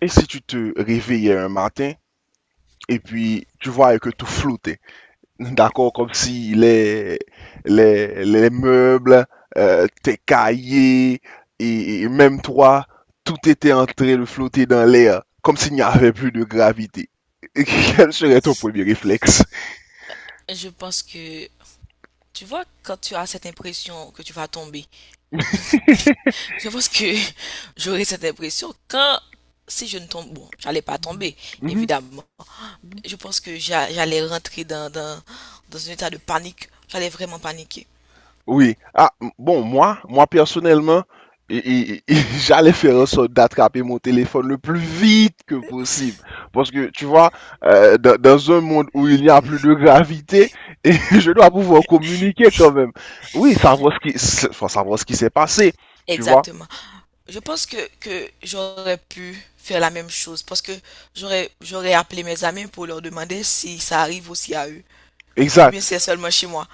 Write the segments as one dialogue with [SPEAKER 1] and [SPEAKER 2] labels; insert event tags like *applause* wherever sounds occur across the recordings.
[SPEAKER 1] Et si tu te réveillais un matin et puis tu voyais que tout flottait, *laughs* d'accord, comme si les meubles, tes cahiers et même toi, tout était en train de flotter dans l'air, comme s'il n'y avait plus de gravité. *laughs* Quel serait ton premier réflexe?
[SPEAKER 2] Je pense que, tu vois, quand tu as cette impression que tu vas tomber, *laughs* je pense que j'aurais cette impression quand, si je ne tombe, bon, j'allais pas tomber, évidemment. Je pense que j'allais rentrer dans un état de panique. J'allais vraiment paniquer.
[SPEAKER 1] Oui. Ah, bon, moi personnellement, *laughs* j'allais faire en sorte d'attraper mon téléphone le plus vite que possible. Parce que, tu vois, dans un monde où il n'y a plus de gravité, *laughs* et je dois pouvoir communiquer quand même. Oui, savoir ce qui, enfin, savoir ce qui s'est passé, tu vois.
[SPEAKER 2] Exactement. Je pense que j'aurais pu faire la même chose parce que j'aurais appelé mes amis pour leur demander si ça arrive aussi à eux ou
[SPEAKER 1] Exact.
[SPEAKER 2] bien si c'est seulement chez moi.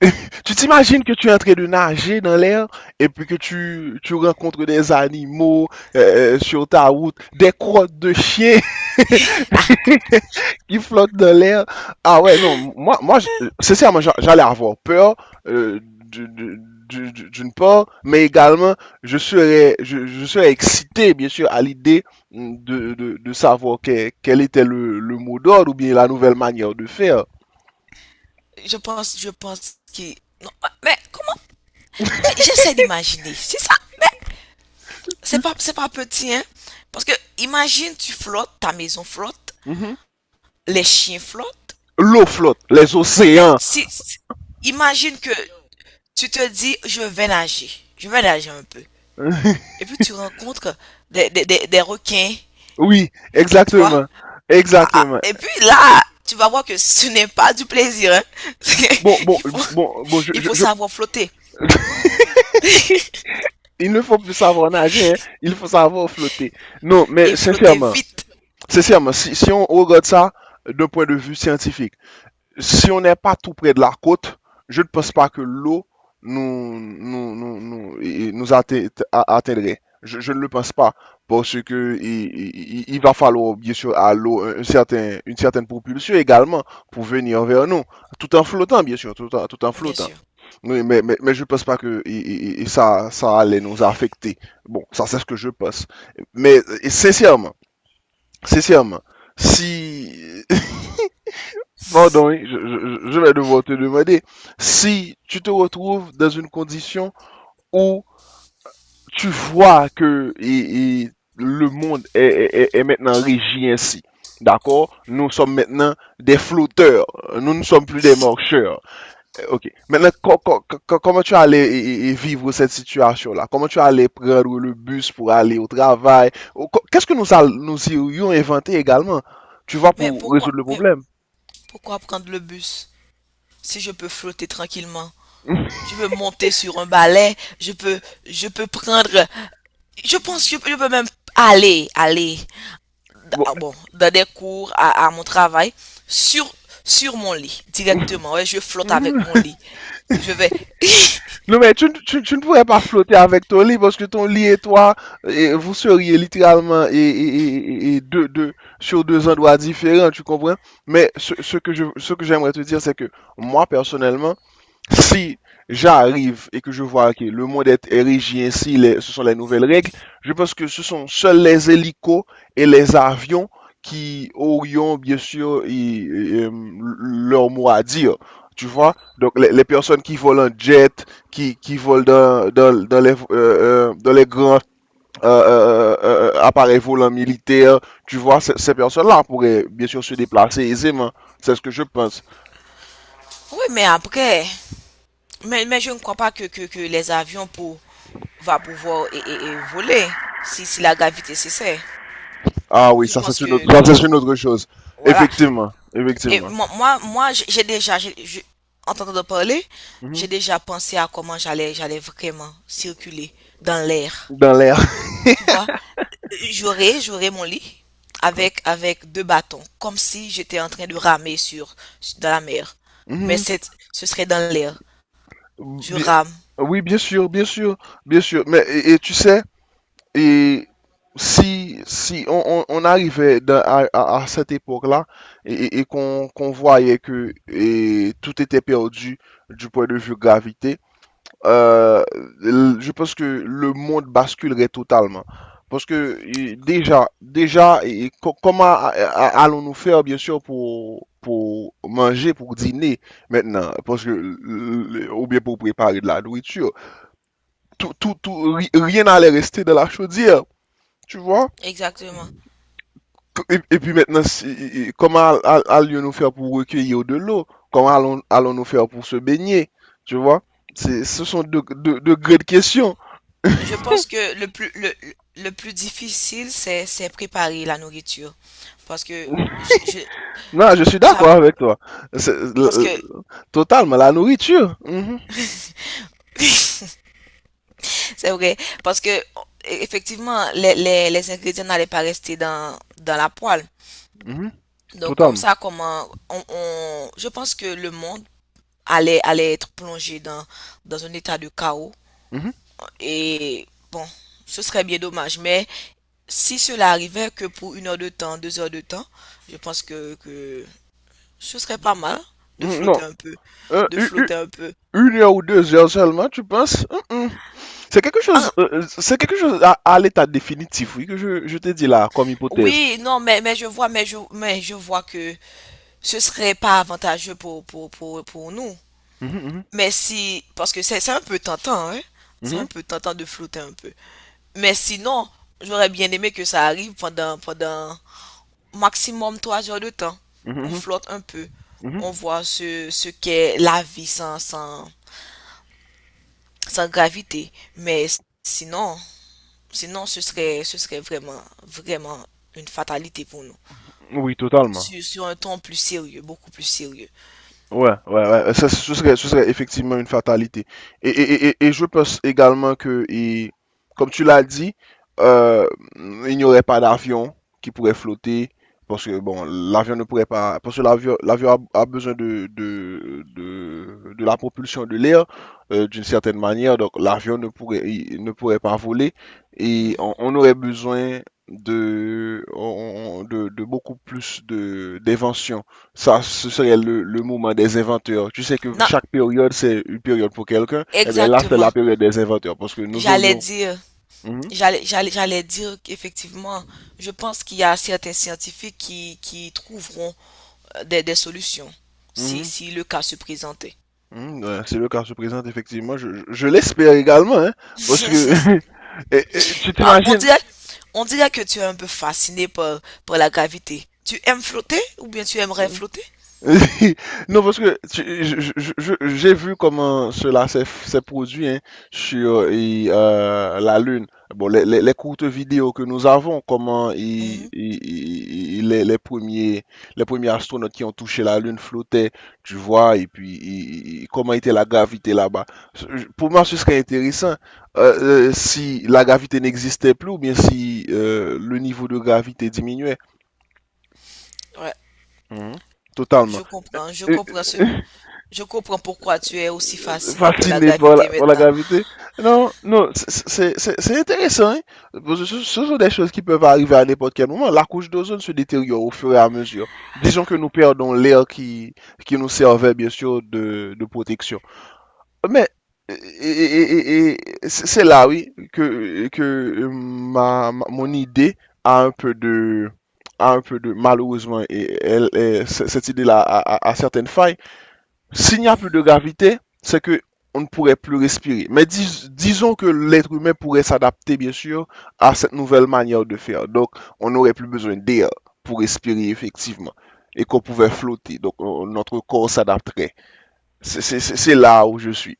[SPEAKER 1] *laughs* Tu t'imagines que tu es en train de nager dans l'air et puis que tu rencontres des animaux, sur ta route, des crottes de chiens. Il flotte dans l'air. Ah ouais, non, moi, sincèrement, j'allais avoir peur, euh, du- du- d'une part, mais également, je serais excité, bien sûr, à l'idée, de savoir quel était le mot d'ordre ou bien la nouvelle manière de faire.
[SPEAKER 2] Je pense que, non, mais comment? Oui, j'essaie d'imaginer. C'est ça. Mais c'est pas petit, hein. Parce que imagine, tu flottes, ta maison flotte,
[SPEAKER 1] Mhm.
[SPEAKER 2] les chiens flottent.
[SPEAKER 1] L'eau flotte, les
[SPEAKER 2] Mais
[SPEAKER 1] océans.
[SPEAKER 2] si, imagine que tu te dis, je vais nager. Je vais nager un peu.
[SPEAKER 1] *laughs*
[SPEAKER 2] Et puis tu rencontres des requins,
[SPEAKER 1] Oui,
[SPEAKER 2] tu vois.
[SPEAKER 1] exactement,
[SPEAKER 2] Ah, ah.
[SPEAKER 1] exactement.
[SPEAKER 2] Et puis là, tu vas voir que ce n'est pas du plaisir, hein. *laughs*
[SPEAKER 1] Bon, bon,
[SPEAKER 2] Il faut,
[SPEAKER 1] bon, bon,
[SPEAKER 2] il faut savoir flotter.
[SPEAKER 1] il ne faut plus savoir nager, hein, il faut savoir flotter. Non, mais
[SPEAKER 2] Et flotter
[SPEAKER 1] sincèrement.
[SPEAKER 2] vite,
[SPEAKER 1] Sincèrement, si on regarde ça d'un point de vue scientifique, si on n'est pas tout près de la côte, je ne pense pas que l'eau nous atteindrait. Je ne le pense pas parce que il va falloir bien sûr à l'eau une certaine propulsion également pour venir vers nous, tout en flottant bien sûr, tout en
[SPEAKER 2] bien
[SPEAKER 1] flottant.
[SPEAKER 2] sûr.
[SPEAKER 1] Oui, mais je ne pense pas que ça allait nous affecter. Bon, ça c'est ce que je pense. Mais et sincèrement, si, *laughs* pardon, hein, je vais devoir te demander, si tu te retrouves dans une condition où tu vois que le monde est maintenant régi ainsi. D'accord? Nous sommes maintenant des flotteurs. Nous ne sommes plus des marcheurs. Ok. Maintenant, comment tu allais vivre cette situation-là? Comment tu allais prendre le bus pour aller au travail? Qu'est-ce que nous y aurions inventé également? Tu vois,
[SPEAKER 2] Mais
[SPEAKER 1] pour résoudre le problème.
[SPEAKER 2] pourquoi prendre le bus? Si je peux flotter tranquillement,
[SPEAKER 1] *laughs*
[SPEAKER 2] je peux monter sur un balai, je peux prendre, je pense que je peux même aller,
[SPEAKER 1] Bon.
[SPEAKER 2] ah bon, dans des cours, à mon travail, sur, sur mon lit, directement. Ouais, je flotte avec mon
[SPEAKER 1] *laughs*
[SPEAKER 2] lit. Je vais. *laughs* Oui,
[SPEAKER 1] Non, mais tu ne pourrais pas flotter avec ton lit parce que ton lit et toi, et vous seriez littéralement et sur deux endroits différents, tu comprends? Mais ce que j'aimerais te dire, c'est que moi, personnellement, si j'arrive et que je vois que le monde est érigé ainsi, ce sont les nouvelles règles, je pense que ce sont seuls les hélicos et les avions qui aurions bien sûr et, euh, leur mot à dire. Tu vois? Donc les personnes qui volent en jet, qui volent dans les grands, appareils volants militaires, tu vois, ces personnes-là pourraient bien sûr se déplacer aisément. C'est ce que je pense.
[SPEAKER 2] mais après, mais je ne crois pas que les avions pour, va pouvoir et voler si, si la gravité cessait.
[SPEAKER 1] Ah oui,
[SPEAKER 2] Je
[SPEAKER 1] ça
[SPEAKER 2] pense
[SPEAKER 1] c'est une autre,
[SPEAKER 2] que, que
[SPEAKER 1] ça c'est une autre chose.
[SPEAKER 2] voilà.
[SPEAKER 1] Effectivement,
[SPEAKER 2] Et
[SPEAKER 1] effectivement.
[SPEAKER 2] moi j'ai déjà, j'ai- je- en t'entendant parler,
[SPEAKER 1] Mhm.
[SPEAKER 2] j'ai déjà pensé à comment j'allais vraiment circuler dans l'air.
[SPEAKER 1] Dans l'air.
[SPEAKER 2] Tu vois, j'aurais mon lit avec deux bâtons, comme si j'étais en train de ramer sur, dans la mer. Mais
[SPEAKER 1] Mhm.
[SPEAKER 2] ce serait dans l'air. Je
[SPEAKER 1] Bien-
[SPEAKER 2] rame.
[SPEAKER 1] Oui, bien sûr, bien sûr, bien sûr. Mais et tu sais, et si on arrivait à cette époque-là et qu'on voyait que et tout était perdu du point de vue gravité. euh, je pense que le monde basculerait totalement. Parce que déjà, comment allons-nous faire, bien sûr, pour manger, pour dîner maintenant, parce que, ou bien pour préparer de la nourriture. Rien n'allait rester de la chaudière, tu vois?
[SPEAKER 2] Exactement.
[SPEAKER 1] Et puis maintenant, comment nous faire pour recueillir de l'eau? Comment allons-nous faire pour se baigner? Tu vois? Ce sont deux grandes questions.
[SPEAKER 2] Je pense que le plus difficile, c'est préparer la nourriture. Parce que, je,
[SPEAKER 1] Non, je suis
[SPEAKER 2] ça,
[SPEAKER 1] d'accord avec toi. C'est- le-
[SPEAKER 2] parce que,
[SPEAKER 1] euh, Totalement, la nourriture. Mhm,
[SPEAKER 2] *laughs* C'est vrai, parce que effectivement, les ingrédients n'allaient pas rester dans la poêle.
[SPEAKER 1] mhm,
[SPEAKER 2] Donc comme
[SPEAKER 1] totalement.
[SPEAKER 2] ça, je pense que le monde allait être plongé dans un état de chaos.
[SPEAKER 1] Mhm,
[SPEAKER 2] Et bon, ce serait bien dommage. Mais si cela arrivait que pour une heure de temps, deux heures de temps, je pense que ce serait pas mal de
[SPEAKER 1] mhm, non.
[SPEAKER 2] flotter un peu,
[SPEAKER 1] Euh,
[SPEAKER 2] de
[SPEAKER 1] u- u-
[SPEAKER 2] flotter un peu.
[SPEAKER 1] une heure ou 2 heures seulement, tu penses? Mm, mm.
[SPEAKER 2] Ah,
[SPEAKER 1] C'est quelque chose à l'état définitif, oui, que je te dis là, comme hypothèse.
[SPEAKER 2] oui, non, mais je vois, mais je vois que ce serait pas avantageux pour nous.
[SPEAKER 1] Mhm,
[SPEAKER 2] Mais si, parce que c'est un peu tentant, hein. C'est
[SPEAKER 1] mhm,
[SPEAKER 2] un peu tentant de flotter un peu. Mais sinon, j'aurais bien aimé que ça arrive pendant maximum trois heures de temps.
[SPEAKER 1] mhm,
[SPEAKER 2] On
[SPEAKER 1] mhm,
[SPEAKER 2] flotte un peu. On
[SPEAKER 1] mhm,
[SPEAKER 2] voit ce qu'est la vie sans gravité. Mais sinon, sinon, ce serait vraiment une fatalité pour nous.
[SPEAKER 1] mhm. Oui, totalement.
[SPEAKER 2] Sur, sur un ton plus sérieux, beaucoup plus sérieux.
[SPEAKER 1] Ouais, ouais, ouais. Ça, ce serait effectivement une fatalité. Et je pense également que, et, comme tu l'as dit, euh, il n'y aurait pas d'avion qui pourrait flotter. Parce que, bon, l'avion ne pourrait pas. Parce que l'avion a besoin de la propulsion de l'air, d'une certaine manière. Donc, l'avion ne pourrait, il ne pourrait pas voler. Et on,
[SPEAKER 2] Mhm.
[SPEAKER 1] on aurait besoin de, on- de, de beaucoup plus d'inventions. Ça, ce serait le moment des inventeurs. Tu sais que
[SPEAKER 2] Non,
[SPEAKER 1] chaque période, c'est une période pour quelqu'un. Eh bien là, c'est la
[SPEAKER 2] exactement.
[SPEAKER 1] période des inventeurs parce que nous
[SPEAKER 2] J'allais
[SPEAKER 1] aurions...
[SPEAKER 2] dire,
[SPEAKER 1] Mhm,
[SPEAKER 2] j'allais dire qu'effectivement, je pense qu'il y a certains scientifiques qui trouveront des solutions si,
[SPEAKER 1] mhm,
[SPEAKER 2] si le cas se présentait.
[SPEAKER 1] mhm, ouais, c'est le cas se présente, effectivement. Je l'espère également, hein, parce que...
[SPEAKER 2] *laughs*
[SPEAKER 1] *laughs* Et tu
[SPEAKER 2] Ah, on
[SPEAKER 1] t'imagines?
[SPEAKER 2] dirait, on dirait que tu es un peu fasciné par, par la gravité. Tu aimes flotter ou bien tu aimerais flotter?
[SPEAKER 1] *laughs* Non, parce que j'ai vu comment cela s'est produit, hein, sur la Lune. Bon, les courtes vidéos que nous avons, comment
[SPEAKER 2] Mhm.
[SPEAKER 1] les premiers astronautes qui ont touché la Lune flottaient, tu vois, et puis comment était la gravité là-bas. Pour moi, ce serait intéressant, si la gravité n'existait plus ou bien si le niveau de gravité diminuait.
[SPEAKER 2] Ouais,
[SPEAKER 1] Mhm. Totalement.
[SPEAKER 2] je
[SPEAKER 1] Euh,
[SPEAKER 2] comprends ce,
[SPEAKER 1] *laughs*
[SPEAKER 2] je comprends pourquoi tu es aussi fasciné par la
[SPEAKER 1] fasciné par la,
[SPEAKER 2] gravité
[SPEAKER 1] par la
[SPEAKER 2] maintenant.
[SPEAKER 1] gravité. Non, non, c'est intéressant, hein, parce que ce sont des choses qui peuvent arriver à n'importe quel moment. La couche d'ozone se détériore au fur et à mesure. Disons que nous perdons l'air qui nous servait, bien sûr, de protection. Mais et- et- et- et- c'est là, oui, que mon idée a un peu de... a un peu de... Malheureusement, et, cette idée-là a certaines failles. S'il n'y a plus
[SPEAKER 2] Mhm.
[SPEAKER 1] de gravité, c'est que on ne pourrait plus respirer. Mais disons que l'être humain pourrait s'adapter, bien sûr, à cette nouvelle manière de faire. Donc, on n'aurait plus besoin d'air pour respirer, effectivement, et qu'on pouvait flotter. Donc, notre corps s'adapterait. C'est là où je suis.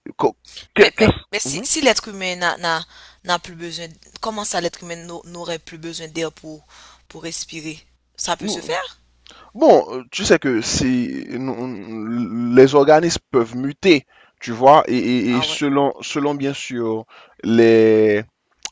[SPEAKER 1] Qu'est-ce...
[SPEAKER 2] Mais si,
[SPEAKER 1] Mhm.
[SPEAKER 2] si l'être humain n'a, n'a, n'a plus besoin, comment ça l'être humain n'aurait plus besoin d'air pour respirer? Ça peut se
[SPEAKER 1] Nous-
[SPEAKER 2] faire?
[SPEAKER 1] Bon, tu sais que c'est les organismes peuvent muter, tu vois, et
[SPEAKER 2] Ah ouais,
[SPEAKER 1] selon bien sûr les,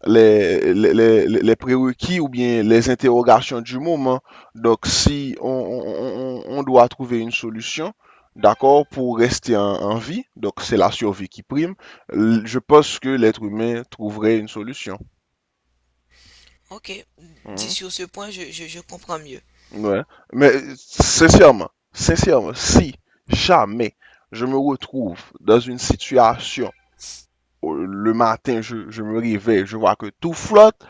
[SPEAKER 1] les, les, les prérequis ou bien les interrogations du moment. Donc, si on doit trouver une solution, d'accord, pour rester en vie, donc c'est la survie qui prime, je pense que l'être humain trouverait une solution.
[SPEAKER 2] ok. Dit
[SPEAKER 1] Mhm.
[SPEAKER 2] sur ce point, je comprends mieux.
[SPEAKER 1] Ouais. Mais sincèrement, si jamais je me retrouve dans une situation où le matin, je me réveille, je vois que tout flotte,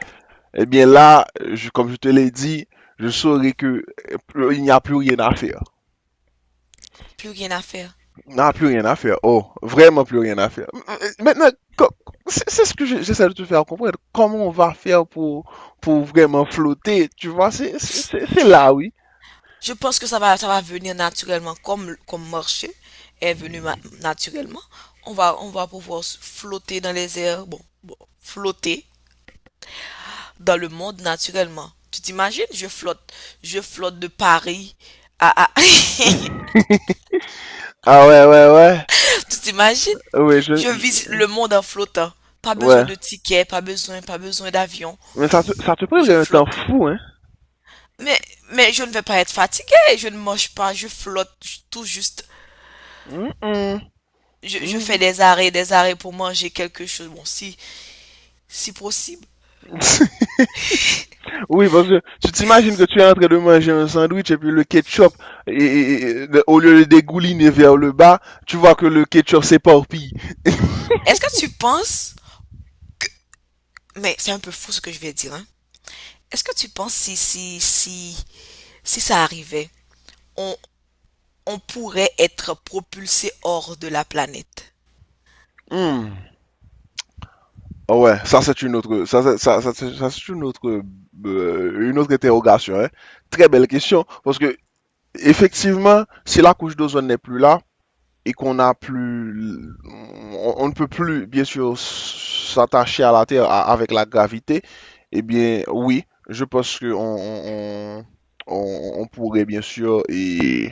[SPEAKER 1] eh bien là, comme je te l'ai dit, je saurai que, il n'y a plus rien à faire.
[SPEAKER 2] Plus rien à faire.
[SPEAKER 1] Il n'y a plus rien à faire. Oh, vraiment plus rien à faire. Maintenant, co- c'est ce que j'essaie de te faire comprendre. Comment on va faire pour, vraiment flotter, tu vois, c'est là, oui.
[SPEAKER 2] Je pense que ça va venir naturellement, comme marcher est venu naturellement. On va pouvoir flotter dans les airs, flotter dans le monde naturellement. Tu t'imagines? Je flotte de Paris à.
[SPEAKER 1] *laughs* Ah ouais, ouais, ouais.
[SPEAKER 2] *laughs* Tu t'imagines?
[SPEAKER 1] Oui,
[SPEAKER 2] Je visite le monde en flottant. Pas
[SPEAKER 1] ouais.
[SPEAKER 2] besoin de tickets, pas besoin d'avion.
[SPEAKER 1] Mais ça, ça te prend
[SPEAKER 2] Je
[SPEAKER 1] un temps
[SPEAKER 2] flotte.
[SPEAKER 1] fou, hein?
[SPEAKER 2] Mais, mais je ne vais pas être fatigué. Je ne mange pas, je flotte tout juste.
[SPEAKER 1] Hum, hum,
[SPEAKER 2] Je fais
[SPEAKER 1] hum.
[SPEAKER 2] des arrêts pour manger quelque chose. Bon, si, si possible.
[SPEAKER 1] *laughs* Oui, parce que tu t'imagines que tu es en train de manger un sandwich et puis le ketchup, au lieu de dégouliner vers le bas, tu vois que le ketchup s'éparpille.
[SPEAKER 2] Est-ce que tu penses, mais c'est un peu fou ce que je vais dire, hein. Est-ce que tu penses si ça arrivait, on, on pourrait être propulsé hors de la planète?
[SPEAKER 1] Hum. Ah ouais, ça c'est une autre, une autre interrogation, hein? Très belle question, parce que effectivement, si la couche d'ozone n'est plus là, et qu'on n'a plus, on ne peut plus, bien sûr, s'attacher à la Terre avec la gravité, eh bien, oui, je pense que on pourrait, bien sûr,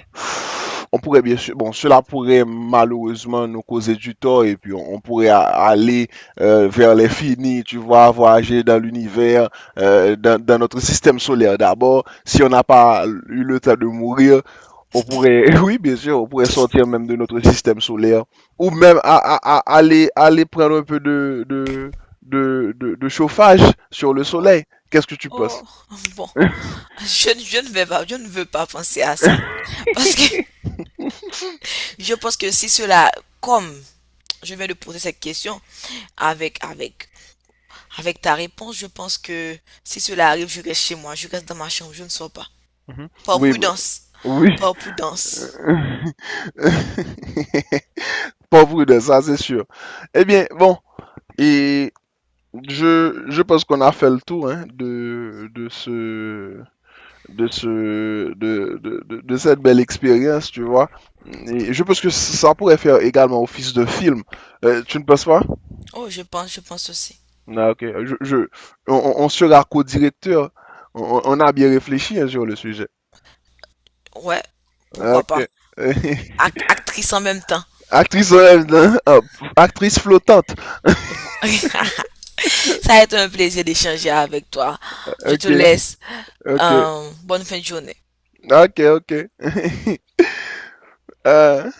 [SPEAKER 1] on pourrait, bien sûr, bon, cela pourrait malheureusement nous causer du tort, et puis on pourrait aller, vers l'infini, tu vois, voyager dans l'univers, dans notre système solaire d'abord, si on n'a pas eu le temps de mourir, on pourrait, *laughs* oui, bien sûr, on pourrait sortir même de notre système solaire, ou même aller prendre un peu de chauffage sur le
[SPEAKER 2] Oh,
[SPEAKER 1] soleil. Qu'est-ce que tu
[SPEAKER 2] oh,
[SPEAKER 1] penses?
[SPEAKER 2] bon. *laughs* Je ne vais pas, je ne veux pas penser à ça. Parce que je pense que si cela, comme je viens de poser cette question avec, avec, avec ta réponse, je pense que si cela arrive, je reste chez moi, je reste dans ma chambre, je ne sors pas.
[SPEAKER 1] Mhm.
[SPEAKER 2] Par
[SPEAKER 1] Oui, bah,
[SPEAKER 2] prudence.
[SPEAKER 1] oui.
[SPEAKER 2] Par prudence.
[SPEAKER 1] *laughs* Pauvre de ça, c'est sûr. Eh bien, bon, et je pense qu'on a fait le tour, hein, de ce, de ce de cette belle expérience, tu vois. Et je pense que ça pourrait faire également office de film. Tu ne penses pas?
[SPEAKER 2] Oh, je pense aussi.
[SPEAKER 1] Ah, ok. On sera co-directeur. On a bien réfléchi, hein, sur le sujet.
[SPEAKER 2] Ouais, pourquoi pas.
[SPEAKER 1] Ok. *laughs*
[SPEAKER 2] Actrice en même temps.
[SPEAKER 1] Actrice, euh, actrice flottante.
[SPEAKER 2] Bon. *laughs* Ça a été un plaisir d'échanger avec toi. Je
[SPEAKER 1] Ok,
[SPEAKER 2] te laisse.
[SPEAKER 1] ok,
[SPEAKER 2] Bonne fin de journée.
[SPEAKER 1] ok, ok. *laughs* Euh,